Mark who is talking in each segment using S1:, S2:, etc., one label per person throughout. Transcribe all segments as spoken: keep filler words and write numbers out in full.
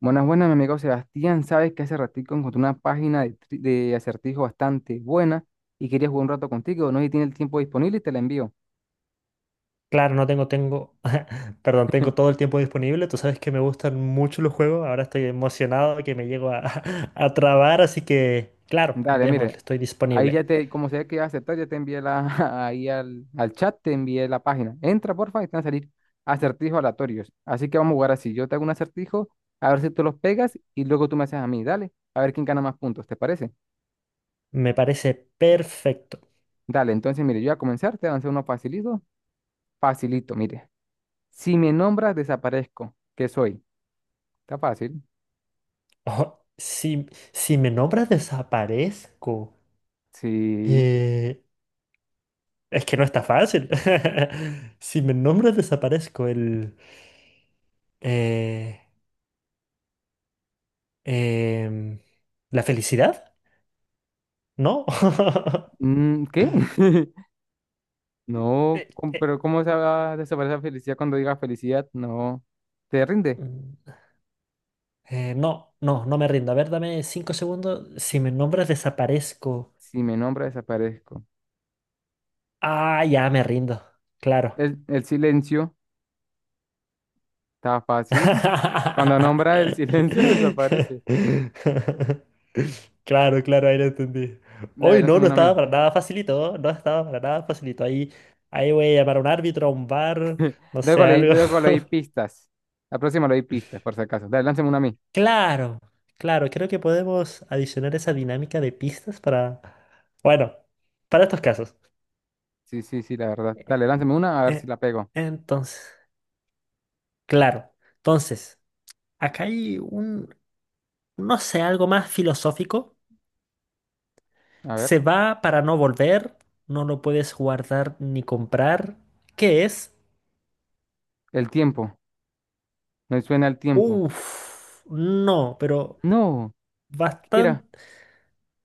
S1: Buenas, buenas, mi amigo Sebastián. Sabes que hace ratico encontré una página de, tri- de acertijo bastante buena y quería jugar un rato contigo. No sé si tiene el tiempo disponible y te la envío.
S2: Claro, no tengo, tengo, perdón, tengo todo el tiempo disponible. Tú sabes que me gustan mucho los juegos. Ahora estoy emocionado de que me llego a, a trabar, así que, claro,
S1: Dale, mire,
S2: démosle, estoy
S1: ahí
S2: disponible.
S1: ya te, como sea que iba a aceptar, ya te envié la, ahí al, al chat, te envié la página. Entra, porfa, y te van a salir acertijos aleatorios. Así que vamos a jugar así. Yo te hago un acertijo, a ver si tú los pegas y luego tú me haces a mí. Dale, a ver quién gana más puntos, ¿te parece?
S2: Me parece perfecto.
S1: Dale, entonces, mire, yo voy a comenzar, te voy a lanzar uno facilito. Facilito, mire. Si me nombras, desaparezco. ¿Qué soy? Está fácil.
S2: Ojo, si, si me nombras desaparezco,
S1: Sí.
S2: eh, es que no está fácil. Si me nombras desaparezco, el, eh, em, la felicidad, ¿no?
S1: Mm, ¿qué? No,
S2: Eh,
S1: com-
S2: eh,
S1: pero ¿cómo se va a desaparecer felicidad cuando diga felicidad? No. ¿Te rinde?
S2: mm. Eh, no, no, no me rindo. A ver, dame cinco segundos. Si me nombras, desaparezco.
S1: Si me nombra, desaparezco.
S2: Ah, ya me rindo. Claro.
S1: El, el silencio. Está fácil. Cuando nombra el silencio, desaparece.
S2: Claro, claro, ahí lo entendí.
S1: Dale,
S2: Hoy no,
S1: lánzame
S2: no
S1: una a
S2: estaba
S1: mí.
S2: para nada facilito. ¿Eh? No estaba para nada facilito. Ahí, ahí voy a llamar a un árbitro, a un bar, no sé,
S1: Luego le,
S2: algo.
S1: luego le di pistas. La próxima le di pistas, por si acaso. Dale, lánzame una a mí.
S2: Claro, claro, creo que podemos adicionar esa dinámica de pistas para, bueno, para estos casos.
S1: Sí, sí, sí, la verdad. Dale, lánzame una a ver si
S2: Eh,
S1: la pego.
S2: Entonces. Claro. Entonces, acá hay un, no sé, algo más filosófico.
S1: A ver.
S2: Se va para no volver, no lo puedes guardar ni comprar. ¿Qué es?
S1: El tiempo. Me suena el tiempo.
S2: Uf, no, pero
S1: No. ¿Qué era?
S2: bastante,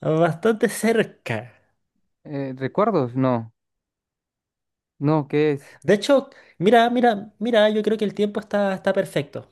S2: bastante cerca.
S1: Eh, ¿recuerdos? No. No, ¿qué es?
S2: De hecho, mira, mira, mira, yo creo que el tiempo está, está perfecto.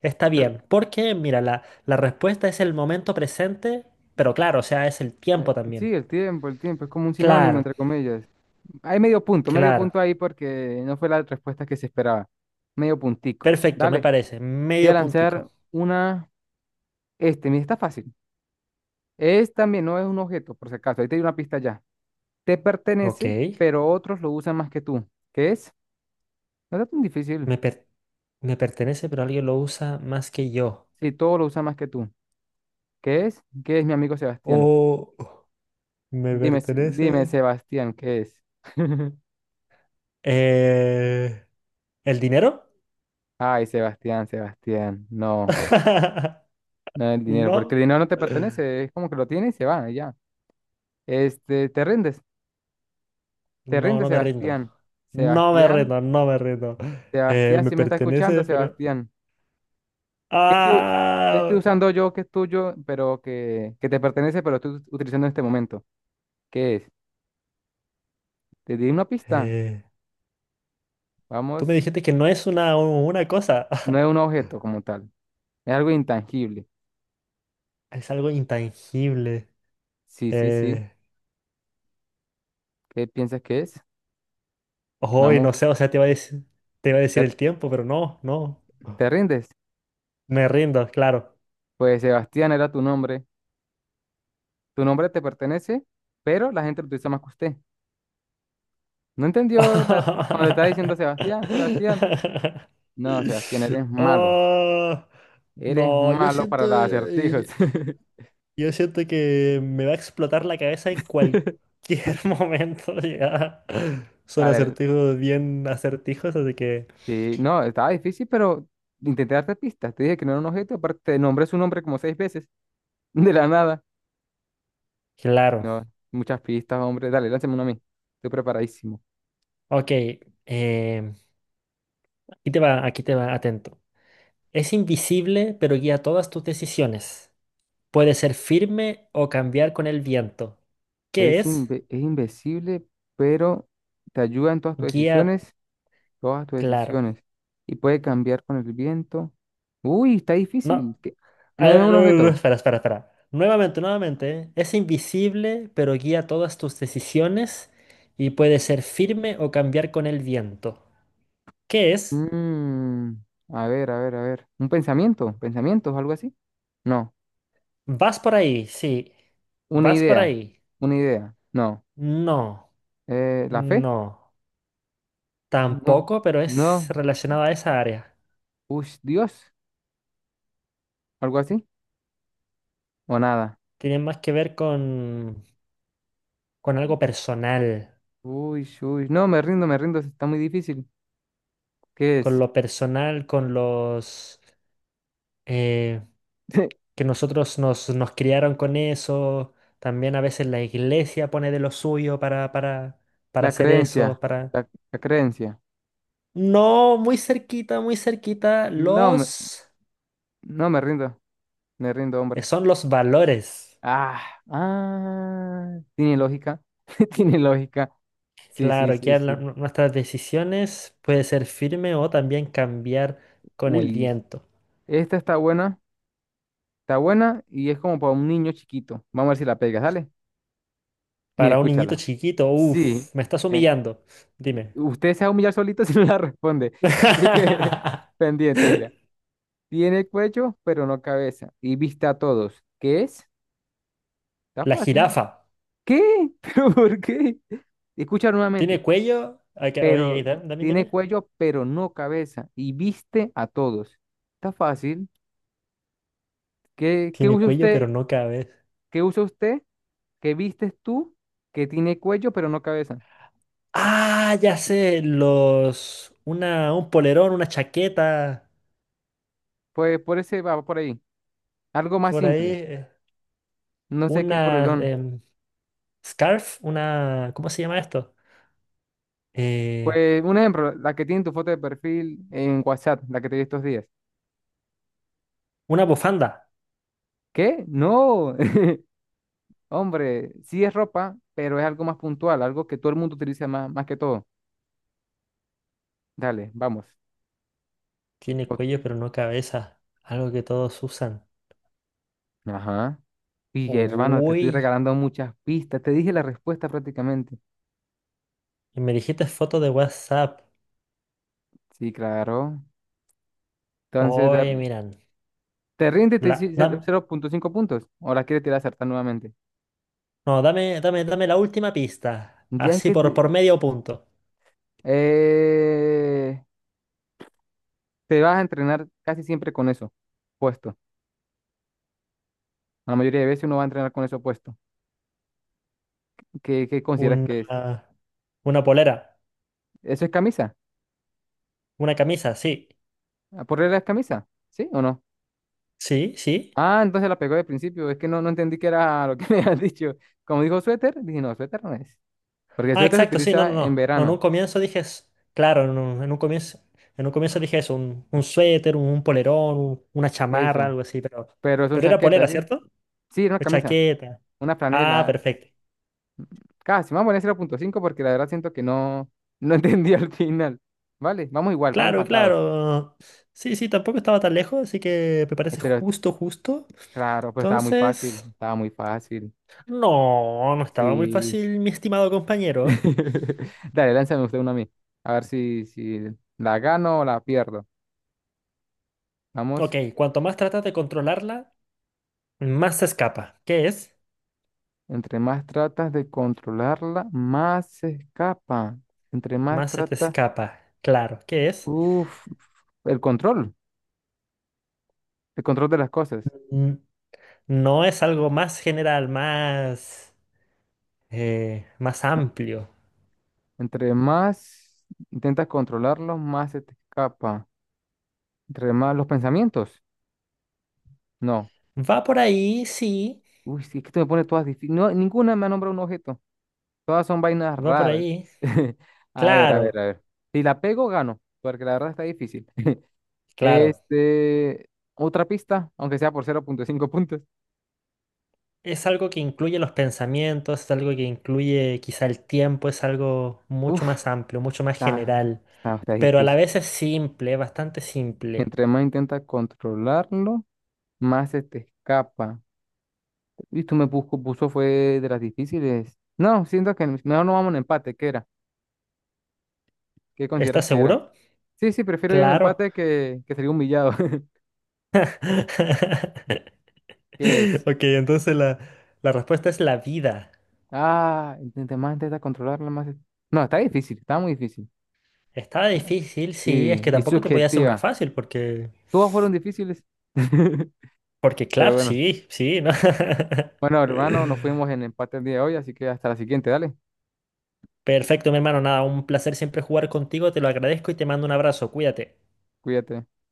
S2: Está
S1: Pero,
S2: bien, porque mira, la, la respuesta es el momento presente, pero claro, o sea, es el
S1: eh,
S2: tiempo también.
S1: sí, el tiempo, el tiempo, es como un sinónimo,
S2: Claro,
S1: entre comillas. Hay medio punto, medio
S2: claro.
S1: punto ahí porque no fue la respuesta que se esperaba. Medio puntico.
S2: Perfecto, me
S1: Dale,
S2: parece.
S1: te voy a
S2: Medio puntico.
S1: lanzar una, este, mira, está fácil. Es también, no es un objeto, por si acaso, ahí te doy una pista ya. Te
S2: Ok,
S1: pertenece, pero otros lo usan más que tú. ¿Qué es? No está tan difícil.
S2: me, per- me pertenece, pero alguien lo usa más que yo.
S1: Si todos lo usan más que tú. ¿Qué es? ¿Qué es mi amigo Sebastián?
S2: O me
S1: Dime, Se- dime,
S2: pertenece.
S1: Sebastián, ¿qué es?
S2: eh, ¿el dinero?
S1: Ay, Sebastián, Sebastián, no. No el dinero, porque
S2: No,
S1: el dinero no te pertenece, es como que lo tienes y se va, y ya. Este, te rindes, te
S2: no,
S1: rindes,
S2: no me rindo.
S1: Sebastián.
S2: No me
S1: Sebastián,
S2: rindo, no me rindo. Eh,
S1: Sebastián,
S2: me
S1: si me está escuchando,
S2: pertenece, pero.
S1: Sebastián. ¿Qué estoy, ¿qué estoy
S2: ¡Ah!
S1: usando yo que es tuyo, pero que, que te pertenece, pero estoy utilizando en este momento? ¿Qué es? Te di una pista.
S2: Eh, tú me
S1: Vamos,
S2: dijiste que no es una, una cosa,
S1: no es un objeto como tal, es algo intangible.
S2: es algo intangible.
S1: Sí, sí, sí.
S2: Eh,
S1: ¿Qué piensas que es?
S2: hoy
S1: Vamos,
S2: no sé, o sea, te iba a decir, te iba a decir
S1: te,
S2: el tiempo, pero no, no.
S1: te rindes.
S2: Me rindo, claro.
S1: Pues Sebastián era tu nombre. Tu nombre te pertenece, pero la gente lo utiliza más que usted. No entendió la, cuando te estaba diciendo Sebastián, Sebastián. No, Sebastián, eres malo.
S2: Ah,
S1: Eres
S2: no, yo
S1: malo
S2: siento,
S1: para los acertijos.
S2: y- yo siento que me va a explotar la cabeza en cualquier momento. Ya. Son
S1: Dale,
S2: acertijos bien acertijos, así que,
S1: sí, no, estaba difícil, pero intenté darte pistas. Te dije que no era un objeto, aparte te nombré su nombre como seis veces, de la nada.
S2: claro.
S1: No, muchas pistas, hombre. Dale, lánzame uno a mí. Estoy preparadísimo.
S2: Ok, em, aquí te va, aquí te va, atento. Es invisible, pero guía todas tus decisiones. Puede ser firme o cambiar con el viento. ¿Qué
S1: Es,
S2: es?
S1: inve- es invisible, pero te ayuda en todas tus
S2: Guía
S1: decisiones, todas tus
S2: claro.
S1: decisiones. Y puede cambiar con el viento. Uy, está
S2: No.
S1: difícil. ¿Qué?
S2: A
S1: No, no es
S2: ver,
S1: un
S2: no, no, no,
S1: objeto.
S2: espera, espera, espera. Nuevamente, nuevamente. Es invisible, pero guía todas tus decisiones y puede ser firme o cambiar con el viento. ¿Qué es?
S1: Mm, a ver, a ver, a ver. Un pensamiento, pensamientos, algo así. No.
S2: Vas por ahí, sí.
S1: Una
S2: Vas por
S1: idea,
S2: ahí.
S1: una idea. No.
S2: No,
S1: Eh, ¿la fe?
S2: no.
S1: No.
S2: Tampoco, pero es
S1: No.
S2: relacionado a esa área.
S1: Uy, Dios, algo así. O nada.
S2: Tiene más que ver con, con algo personal.
S1: Uy, uy. No, me rindo, me rindo. Está muy difícil. ¿Qué
S2: Con
S1: es?
S2: lo personal, con los... eh, que nosotros nos, nos criaron con eso. También a veces la iglesia pone de lo suyo para, para, para
S1: La
S2: hacer eso,
S1: creencia,
S2: para...
S1: la, la creencia.
S2: No, muy cerquita, muy cerquita.
S1: No, me,
S2: Los...
S1: no me rindo, me rindo,
S2: eh,
S1: hombre.
S2: Son los valores.
S1: Ah, ah. Tiene lógica, tiene lógica. Sí, sí,
S2: Claro,
S1: sí,
S2: que la-
S1: sí.
S2: nu- nuestras decisiones puede ser firme o también cambiar con el
S1: Uy,
S2: viento.
S1: esta está buena. Está buena y es como para un niño chiquito. Vamos a ver si la pega, ¿sale? Mire,
S2: Para un niñito
S1: escúchala.
S2: chiquito,
S1: Sí,
S2: uff, me estás
S1: eh,
S2: humillando. Dime.
S1: usted se va a humillar solito si no la responde. Así que pendiente, mira. Tiene cuello, pero no cabeza. Y vista a todos. ¿Qué es? Está
S2: La
S1: fácil.
S2: jirafa.
S1: ¿Qué? ¿Pero por qué? Escucha
S2: ¿Tiene
S1: nuevamente.
S2: cuello? Ah, que- Oye, ahí,
S1: Pero
S2: da- también
S1: tiene
S2: dime.
S1: cuello, pero no cabeza. Y viste a todos. Está fácil. ¿Qué, ¿qué
S2: Tiene
S1: usa
S2: cuello,
S1: usted?
S2: pero no cabe.
S1: ¿Qué usa usted? ¿Qué vistes tú? Que tiene cuello, pero no cabeza.
S2: Ah, ya sé, los... Una, un polerón, una chaqueta,
S1: Pues por ese va por ahí. Algo más
S2: por ahí,
S1: simple.
S2: eh,
S1: No sé qué es
S2: una
S1: proelón.
S2: em, scarf, una... ¿Cómo se llama esto? Eh,
S1: Pues un ejemplo, la que tiene tu foto de perfil en WhatsApp, la que te di estos días.
S2: una bufanda.
S1: ¿Qué? No. Hombre, sí es ropa, pero es algo más puntual, algo que todo el mundo utiliza más, más que todo. Dale, vamos.
S2: Tiene
S1: O-
S2: cuello, pero no cabeza. Algo que todos usan.
S1: Ajá. Y hermano, te
S2: Uy,
S1: estoy regalando muchas pistas. Te dije la respuesta prácticamente.
S2: y me dijiste foto de WhatsApp.
S1: Sí, claro. Entonces, te,
S2: Oye, miran.
S1: te rinde y te
S2: La,
S1: dice ce-
S2: dam-
S1: cero punto cinco puntos. ¿O la quieres tirar a acertar nuevamente?
S2: no, dame, dame, dame la última pista.
S1: Ya es
S2: Así
S1: que...
S2: por,
S1: te-
S2: por medio punto.
S1: eh, Te vas a entrenar casi siempre con eso puesto. La mayoría de veces uno va a entrenar con eso puesto. ¿Qué, ¿qué consideras que es?
S2: Una, una polera,
S1: ¿Eso es camisa?
S2: una camisa, sí.
S1: ¿A ¿Por regla es camisa? ¿Sí o no?
S2: Sí, sí.
S1: Ah, entonces la pegó de principio. Es que no, no entendí que era lo que me habías dicho. Como dijo suéter, dije, no, suéter no es. Porque el
S2: Ah,
S1: suéter se
S2: exacto, sí, no, no,
S1: utiliza en
S2: no. No, en
S1: verano.
S2: un comienzo dije, s- claro, en un, en un comienzo, en un comienzo dije eso, un, un suéter, un, un polerón, un- una chamarra,
S1: Eso.
S2: algo así, pero,
S1: Pero son
S2: pero era
S1: chaquetas,
S2: polera,
S1: ¿sí?
S2: ¿cierto?
S1: Sí, era una
S2: O
S1: camisa.
S2: chaqueta.
S1: Una
S2: Ah,
S1: franela.
S2: perfecto.
S1: Casi. Vamos a poner cero punto cinco porque la verdad siento que no, no entendí al final. Vale, vamos igual, vamos
S2: Claro,
S1: empatados.
S2: claro. Sí, sí, tampoco estaba tan lejos, así que me parece
S1: Espero.
S2: justo, justo.
S1: Claro, pero estaba muy fácil,
S2: Entonces,
S1: estaba muy fácil.
S2: no, no estaba muy
S1: Sí.
S2: fácil, mi estimado compañero.
S1: Dale, lánzame usted una a mí. A ver si, si la gano o la pierdo. Vamos,
S2: Ok, cuanto más tratas de controlarla, más se escapa. ¿Qué es?
S1: entre más tratas de controlarla, más se escapa. Entre más
S2: Más se te
S1: tratas,
S2: escapa. Claro, ¿qué es?
S1: uff, el control, el control de las cosas.
S2: N- No es algo más general, más, eh, más amplio.
S1: Entre más intentas controlarlo, más se te escapa. Entre más los pensamientos, no.
S2: Va por ahí, sí,
S1: Uy, sí, es que esto me pone todas difíciles. No, ninguna me ha nombrado un objeto. Todas son vainas
S2: va por
S1: raras.
S2: ahí.
S1: A ver, a ver,
S2: Claro,
S1: a ver. Si la pego, gano, porque la verdad está difícil.
S2: claro.
S1: Este, otra pista, aunque sea por cero punto cinco puntos.
S2: Es algo que incluye los pensamientos, es algo que incluye quizá el tiempo, es algo mucho
S1: Uf,
S2: más amplio, mucho más
S1: está,
S2: general,
S1: está, está
S2: pero a la
S1: difícil.
S2: vez es simple, bastante simple.
S1: Entre más intenta controlarlo, más se te escapa. Y tú me busco puso fue de las difíciles. No, siento que mejor no vamos en empate. ¿Qué era? ¿Qué consideras
S2: ¿Estás
S1: que era?
S2: seguro?
S1: Sí, sí, prefiero ir en
S2: Claro.
S1: empate que, que salir humillado. ¿Qué es?
S2: Ok, entonces la, la respuesta es la vida.
S1: Ah, intenté más intentar controlarla, más... es- no, está difícil, está muy difícil.
S2: Estaba
S1: Está-
S2: difícil, sí, es
S1: Sí,
S2: que
S1: y
S2: tampoco te podía hacer una
S1: subjetiva.
S2: fácil porque
S1: Todas fueron difíciles.
S2: porque
S1: Pero
S2: claro,
S1: bueno.
S2: sí, sí, ¿no?
S1: Bueno, hermano, nos fuimos en empate el día de hoy, así que hasta la siguiente, dale.
S2: Perfecto, mi hermano, nada, un placer siempre jugar contigo, te lo agradezco y te mando un abrazo, cuídate.
S1: Cuídate.